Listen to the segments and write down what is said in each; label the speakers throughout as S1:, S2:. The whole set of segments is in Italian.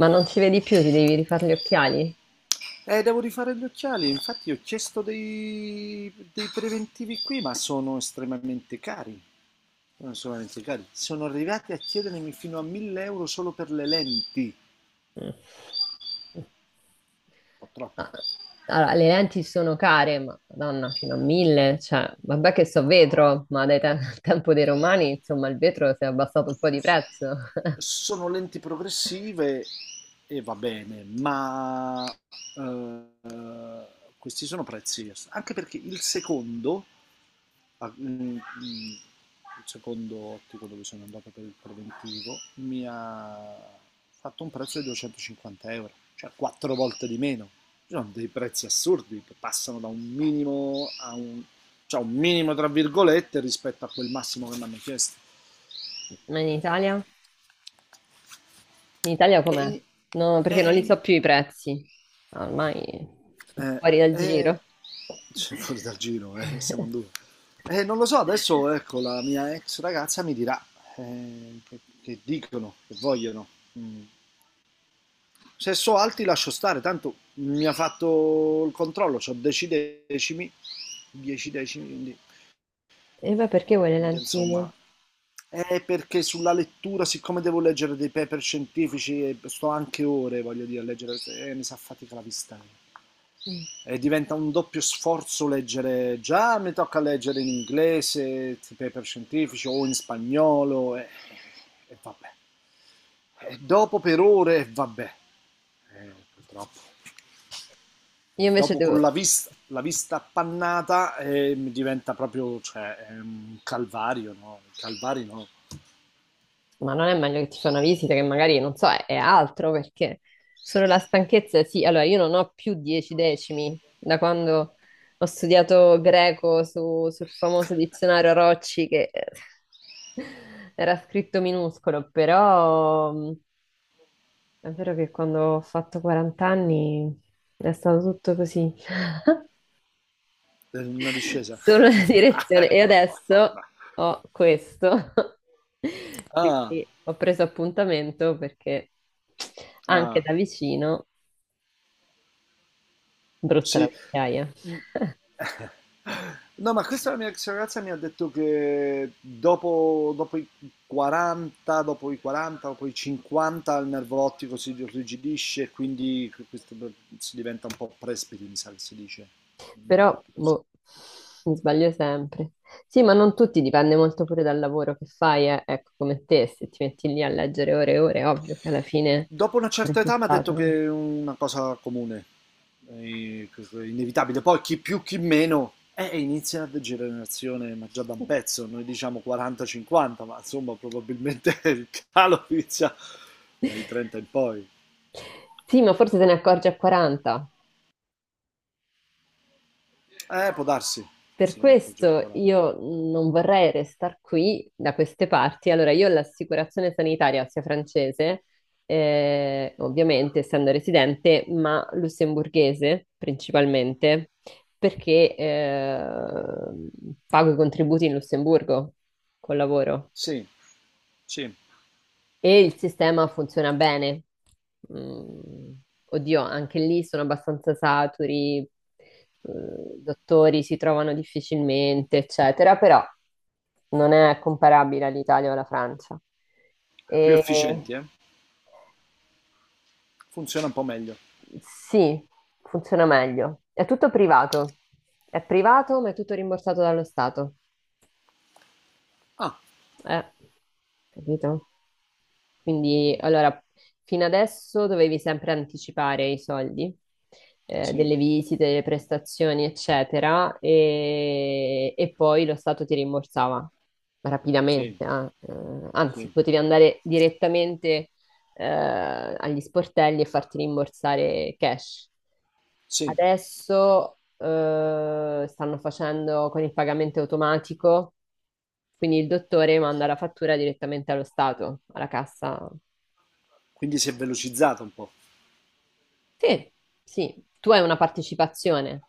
S1: Ma non ci vedi più, ti devi rifare gli occhiali?
S2: Devo rifare gli occhiali, infatti ho chiesto dei preventivi qui, ma sono estremamente cari. Sono estremamente cari. Sono arrivati a chiedermi fino a 1000 euro solo per le lenti.
S1: Mm.
S2: Un po' troppo.
S1: Ah. Allora, le lenti sono care, ma madonna, fino a mille, cioè, vabbè che so
S2: No.
S1: vetro, ma dai al tempo dei romani, insomma, il vetro si è abbassato un po' di prezzo.
S2: Sono lenti progressive e va bene, ma eh, questi sono prezzi. Anche perché il secondo a- mm, mm, secondo ottico dove sono andato per il preventivo, mi ha fatto un prezzo di 250 euro, cioè quattro volte di meno. Ci sono dei prezzi assurdi che passano da un minimo a un, cioè un minimo tra virgolette rispetto a quel massimo che mi hanno chiesto.
S1: Ma in
S2: Eh,
S1: Italia? In Italia
S2: è
S1: com'è?
S2: in-
S1: No,
S2: è
S1: perché non li
S2: in-
S1: so più i prezzi. Ormai sono
S2: Eh,
S1: fuori dal
S2: eh,
S1: giro.
S2: cioè, fuori dal giro, siamo in due. Non lo so, adesso ecco, la mia ex ragazza mi dirà che dicono, che vogliono. Mm. Se so alti lascio stare, tanto mi ha fatto il controllo, ho decimi, 10 decimi, quindi
S1: E beh, perché
S2: al
S1: vuoi le
S2: limite, insomma.
S1: lenti?
S2: È perché sulla lettura, siccome devo leggere dei paper scientifici, e sto anche ore, voglio dire, a leggere, mi si affatica la vista.
S1: Io
S2: E diventa un doppio sforzo leggere, già mi tocca leggere in inglese, i paper scientifici o in spagnolo e vabbè. E dopo per ore e vabbè. Purtroppo.
S1: invece
S2: Dopo con
S1: devo.
S2: la vista appannata mi diventa proprio, cioè, è un calvario, no? Calvario no,
S1: Ma non è meglio che ti fa una visita che magari, non so, è altro perché solo la stanchezza, sì, allora io non ho più dieci decimi da quando ho studiato greco sul famoso dizionario Rocci che era scritto minuscolo, però è vero che quando ho fatto 40 anni è stato tutto così.
S2: è una discesa.
S1: Solo la direzione. E
S2: No, no, no.
S1: adesso ho questo.
S2: Ah,
S1: Quindi ho preso appuntamento perché anche
S2: ah.
S1: da vicino, brutta la
S2: Sì.
S1: vecchiaia.
S2: Mh. No, ma questa la mia ex ragazza mi ha detto che dopo i 40, dopo i 40, dopo i 50 il nervo ottico si irrigidisce e quindi si diventa un po' presbite, mi sa che si dice. Non mi
S1: Però,
S2: ricordo. Sì.
S1: boh, mi sbaglio sempre. Sì, ma non tutti, dipende molto pure dal lavoro che fai, eh. Ecco, come te, se ti metti lì a leggere ore e ore, è ovvio che alla fine
S2: Dopo una
S1: è
S2: certa età mi ha
S1: risultato,
S2: detto
S1: no?
S2: che è una cosa comune, che è inevitabile. Poi chi più, chi meno, inizia la generazione, ma già da un pezzo, noi diciamo 40-50, ma insomma probabilmente il calo inizia dai 30 in poi.
S1: Sì, ma forse te ne accorgi a 40.
S2: Può darsi,
S1: Per
S2: forse non accorge al
S1: questo
S2: 40.
S1: io non vorrei restare qui da queste parti. Allora, io ho l'assicurazione sanitaria sia francese, ovviamente essendo residente, ma lussemburghese principalmente, perché pago i contributi in Lussemburgo col lavoro.
S2: Sì, sì,
S1: E il sistema funziona bene. Mm, oddio, anche lì sono abbastanza saturi, dottori si trovano difficilmente, eccetera, però non è comparabile all'Italia o alla Francia.
S2: più
S1: E
S2: efficienti, eh. Funziona un po' meglio.
S1: sì, funziona meglio. È tutto privato. È privato, ma è tutto rimborsato dallo Stato.
S2: Ah,
S1: Eh, capito? Quindi,
S2: mm,
S1: allora, fino adesso dovevi sempre anticipare i soldi,
S2: sì,
S1: delle visite, delle prestazioni, eccetera, e poi lo Stato ti rimborsava
S2: sì,
S1: rapidamente, ah, anzi,
S2: sì,
S1: potevi andare direttamente agli sportelli e farti rimborsare cash.
S2: sì.
S1: Adesso stanno facendo con il pagamento automatico, quindi il dottore manda la fattura direttamente allo Stato, alla cassa.
S2: Quindi si è velocizzata un po'.
S1: Sì, sì, tu hai una partecipazione,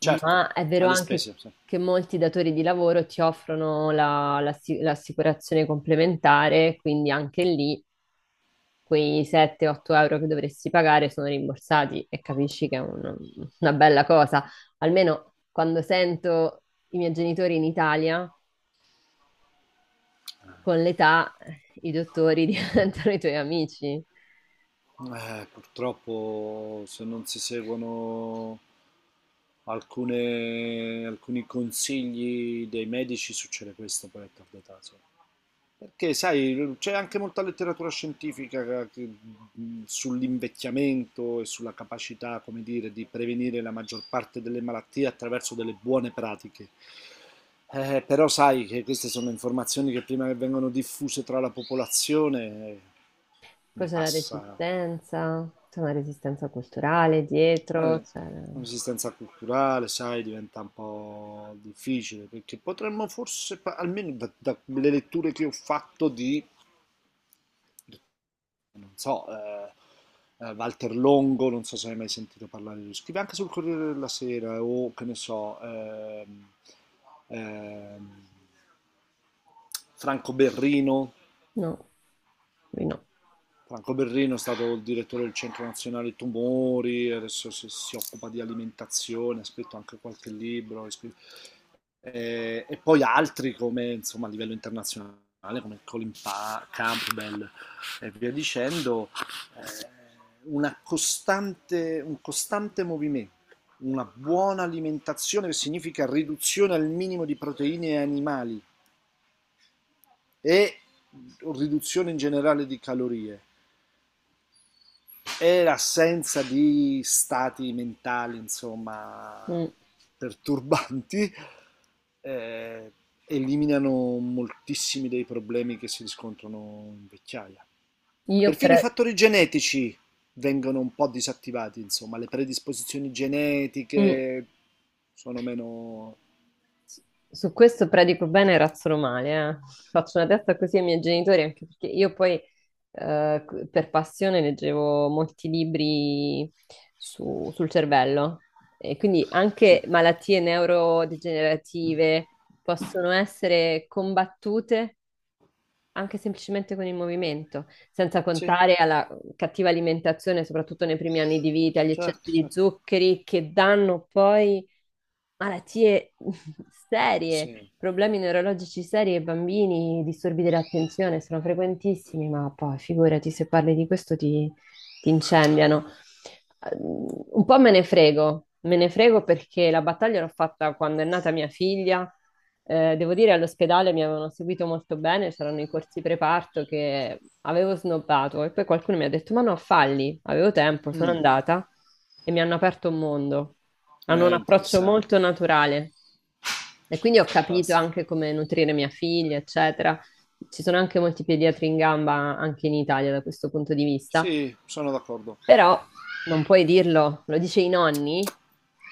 S2: Certo,
S1: ma è vero
S2: alle
S1: anche
S2: spese, sì.
S1: che molti datori di lavoro ti offrono l'assicurazione complementare, quindi anche lì quei 7-8 euro che dovresti pagare sono rimborsati e capisci che è una bella cosa. Almeno quando sento i miei genitori in Italia, con l'età i dottori diventano i tuoi amici.
S2: Purtroppo se non si seguono alcuni consigli dei medici succede questo poi a tarda età, sì. Perché sai, c'è anche molta letteratura scientifica sull'invecchiamento e sulla capacità, come dire, di prevenire la maggior parte delle malattie attraverso delle buone pratiche. Però sai che queste sono informazioni che prima che vengono diffuse tra la popolazione
S1: Poi
S2: ne
S1: c'è la
S2: passa.
S1: resistenza, c'è una resistenza culturale dietro,
S2: Eh,
S1: c'è.
S2: Un'esistenza culturale, sai, diventa un po' difficile perché potremmo forse, almeno dalle letture che ho fatto di, non so, Walter Longo, non so se hai mai sentito parlare di lui, scrive anche sul Corriere della Sera o che ne so, ehm, Franco Berrino,
S1: No, lui no.
S2: Franco Berrino è stato il direttore del Centro Nazionale Tumori, adesso si occupa di alimentazione, ha scritto anche qualche libro, e poi altri come insomma a livello internazionale come Colin Campbell e via dicendo, eh, una costante, un costante movimento, una buona alimentazione che significa riduzione al minimo di proteine animali e riduzione in generale di calorie è l'assenza di stati mentali, insomma,
S1: Mm.
S2: perturbanti, eh, eliminano moltissimi dei problemi che si riscontrano in vecchiaia.
S1: Io
S2: Perfino i
S1: per.
S2: fattori genetici vengono un po' disattivati, insomma, le predisposizioni
S1: Mm.
S2: genetiche sono meno...
S1: Su questo predico bene e razzolo male, eh. Faccio una testa così ai miei genitori, anche perché io poi per passione leggevo molti libri sul cervello e quindi
S2: Sì,
S1: anche malattie neurodegenerative possono essere combattute anche semplicemente con il movimento, senza
S2: sì,
S1: contare alla cattiva alimentazione, soprattutto nei primi anni di vita, agli eccessi
S2: certo,
S1: di
S2: certo,
S1: zuccheri che danno poi malattie serie,
S2: sì.
S1: problemi neurologici seri ai bambini, disturbi dell'attenzione sono frequentissimi, ma poi figurati se parli di questo ti, incendiano. Un po' me ne frego perché la battaglia l'ho fatta quando è nata mia figlia devo dire, all'ospedale mi avevano seguito molto bene, c'erano i corsi preparto che avevo snobbato e poi qualcuno mi ha detto: "Ma no, falli", avevo tempo, sono
S2: Mm,
S1: andata e mi hanno aperto un mondo. Hanno
S2: è
S1: un approccio
S2: interessante,
S1: molto naturale. E quindi ho capito
S2: fantastico.
S1: anche come nutrire mia figlia, eccetera. Ci sono anche molti pediatri in gamba anche in Italia da questo punto di vista,
S2: Sì, sono d'accordo.
S1: però non puoi dirlo, lo dice i nonni.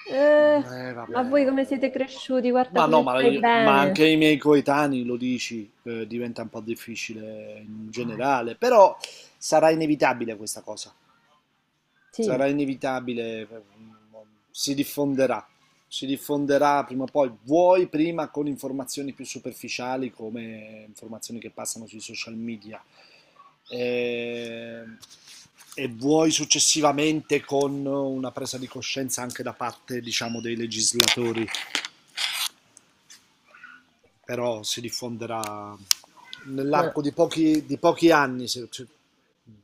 S1: Eh, ma voi come siete
S2: Vabbè.
S1: cresciuti? Guarda
S2: Ma no,
S1: come
S2: ma,
S1: stai
S2: ma
S1: bene.
S2: anche i miei coetanei lo dici, diventa un po' difficile in generale, però sarà inevitabile questa cosa
S1: Sì,
S2: sarà inevitabile, si diffonderà, si diffonderà prima o poi, vuoi prima con informazioni più superficiali come informazioni che passano sui social media e, e vuoi successivamente con una presa di coscienza anche da parte diciamo, dei legislatori però si diffonderà
S1: ma,
S2: nell'arco di di pochi anni,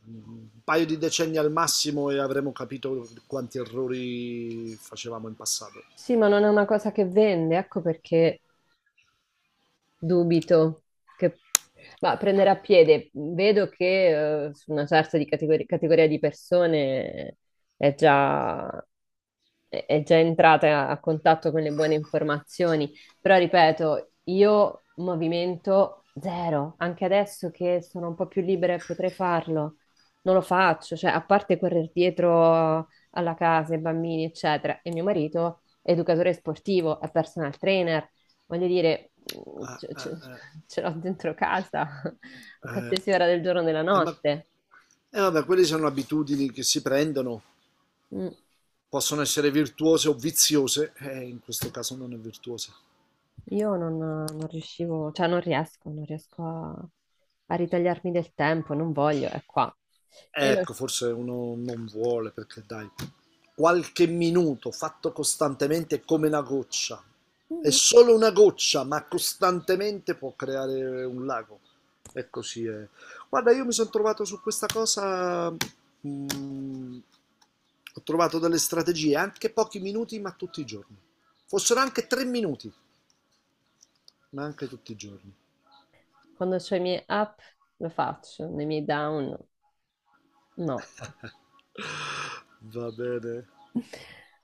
S2: un paio di decenni al massimo e avremo capito quanti errori facevamo in passato.
S1: sì, ma non è una cosa che vende, ecco perché dubito che. Ma prendere a piede, vedo che su una certa di categoria di persone è già è già entrata a contatto con le buone informazioni, però ripeto, io movimento zero, anche adesso che sono un po' più libera e potrei farlo, non lo faccio, cioè a parte correre dietro alla casa, ai bambini, eccetera, e mio marito è educatore sportivo, è personal trainer, voglio dire,
S2: Ah, ah, ah,
S1: ce l'ho dentro casa a
S2: eh,
S1: qualsiasi ora del giorno e della
S2: ma
S1: notte.
S2: vabbè, quelle sono abitudini che si prendono,
S1: Mm.
S2: possono essere virtuose o viziose, in questo caso non è virtuosa.
S1: Io non riuscivo, cioè non riesco a ritagliarmi del tempo, non voglio, è qua. E lo-
S2: Ecco, forse uno non vuole perché dai, qualche minuto fatto costantemente è come una goccia. È
S1: Mhm.
S2: solo una goccia, ma costantemente può creare un lago. E così è. Guarda, io mi sono trovato su questa cosa. mm, Ho trovato delle strategie, anche pochi minuti, ma tutti i giorni. Fossero anche 3 minuti, ma anche tutti i giorni.
S1: Quando ho i miei up lo faccio, nei miei down no.
S2: Va bene.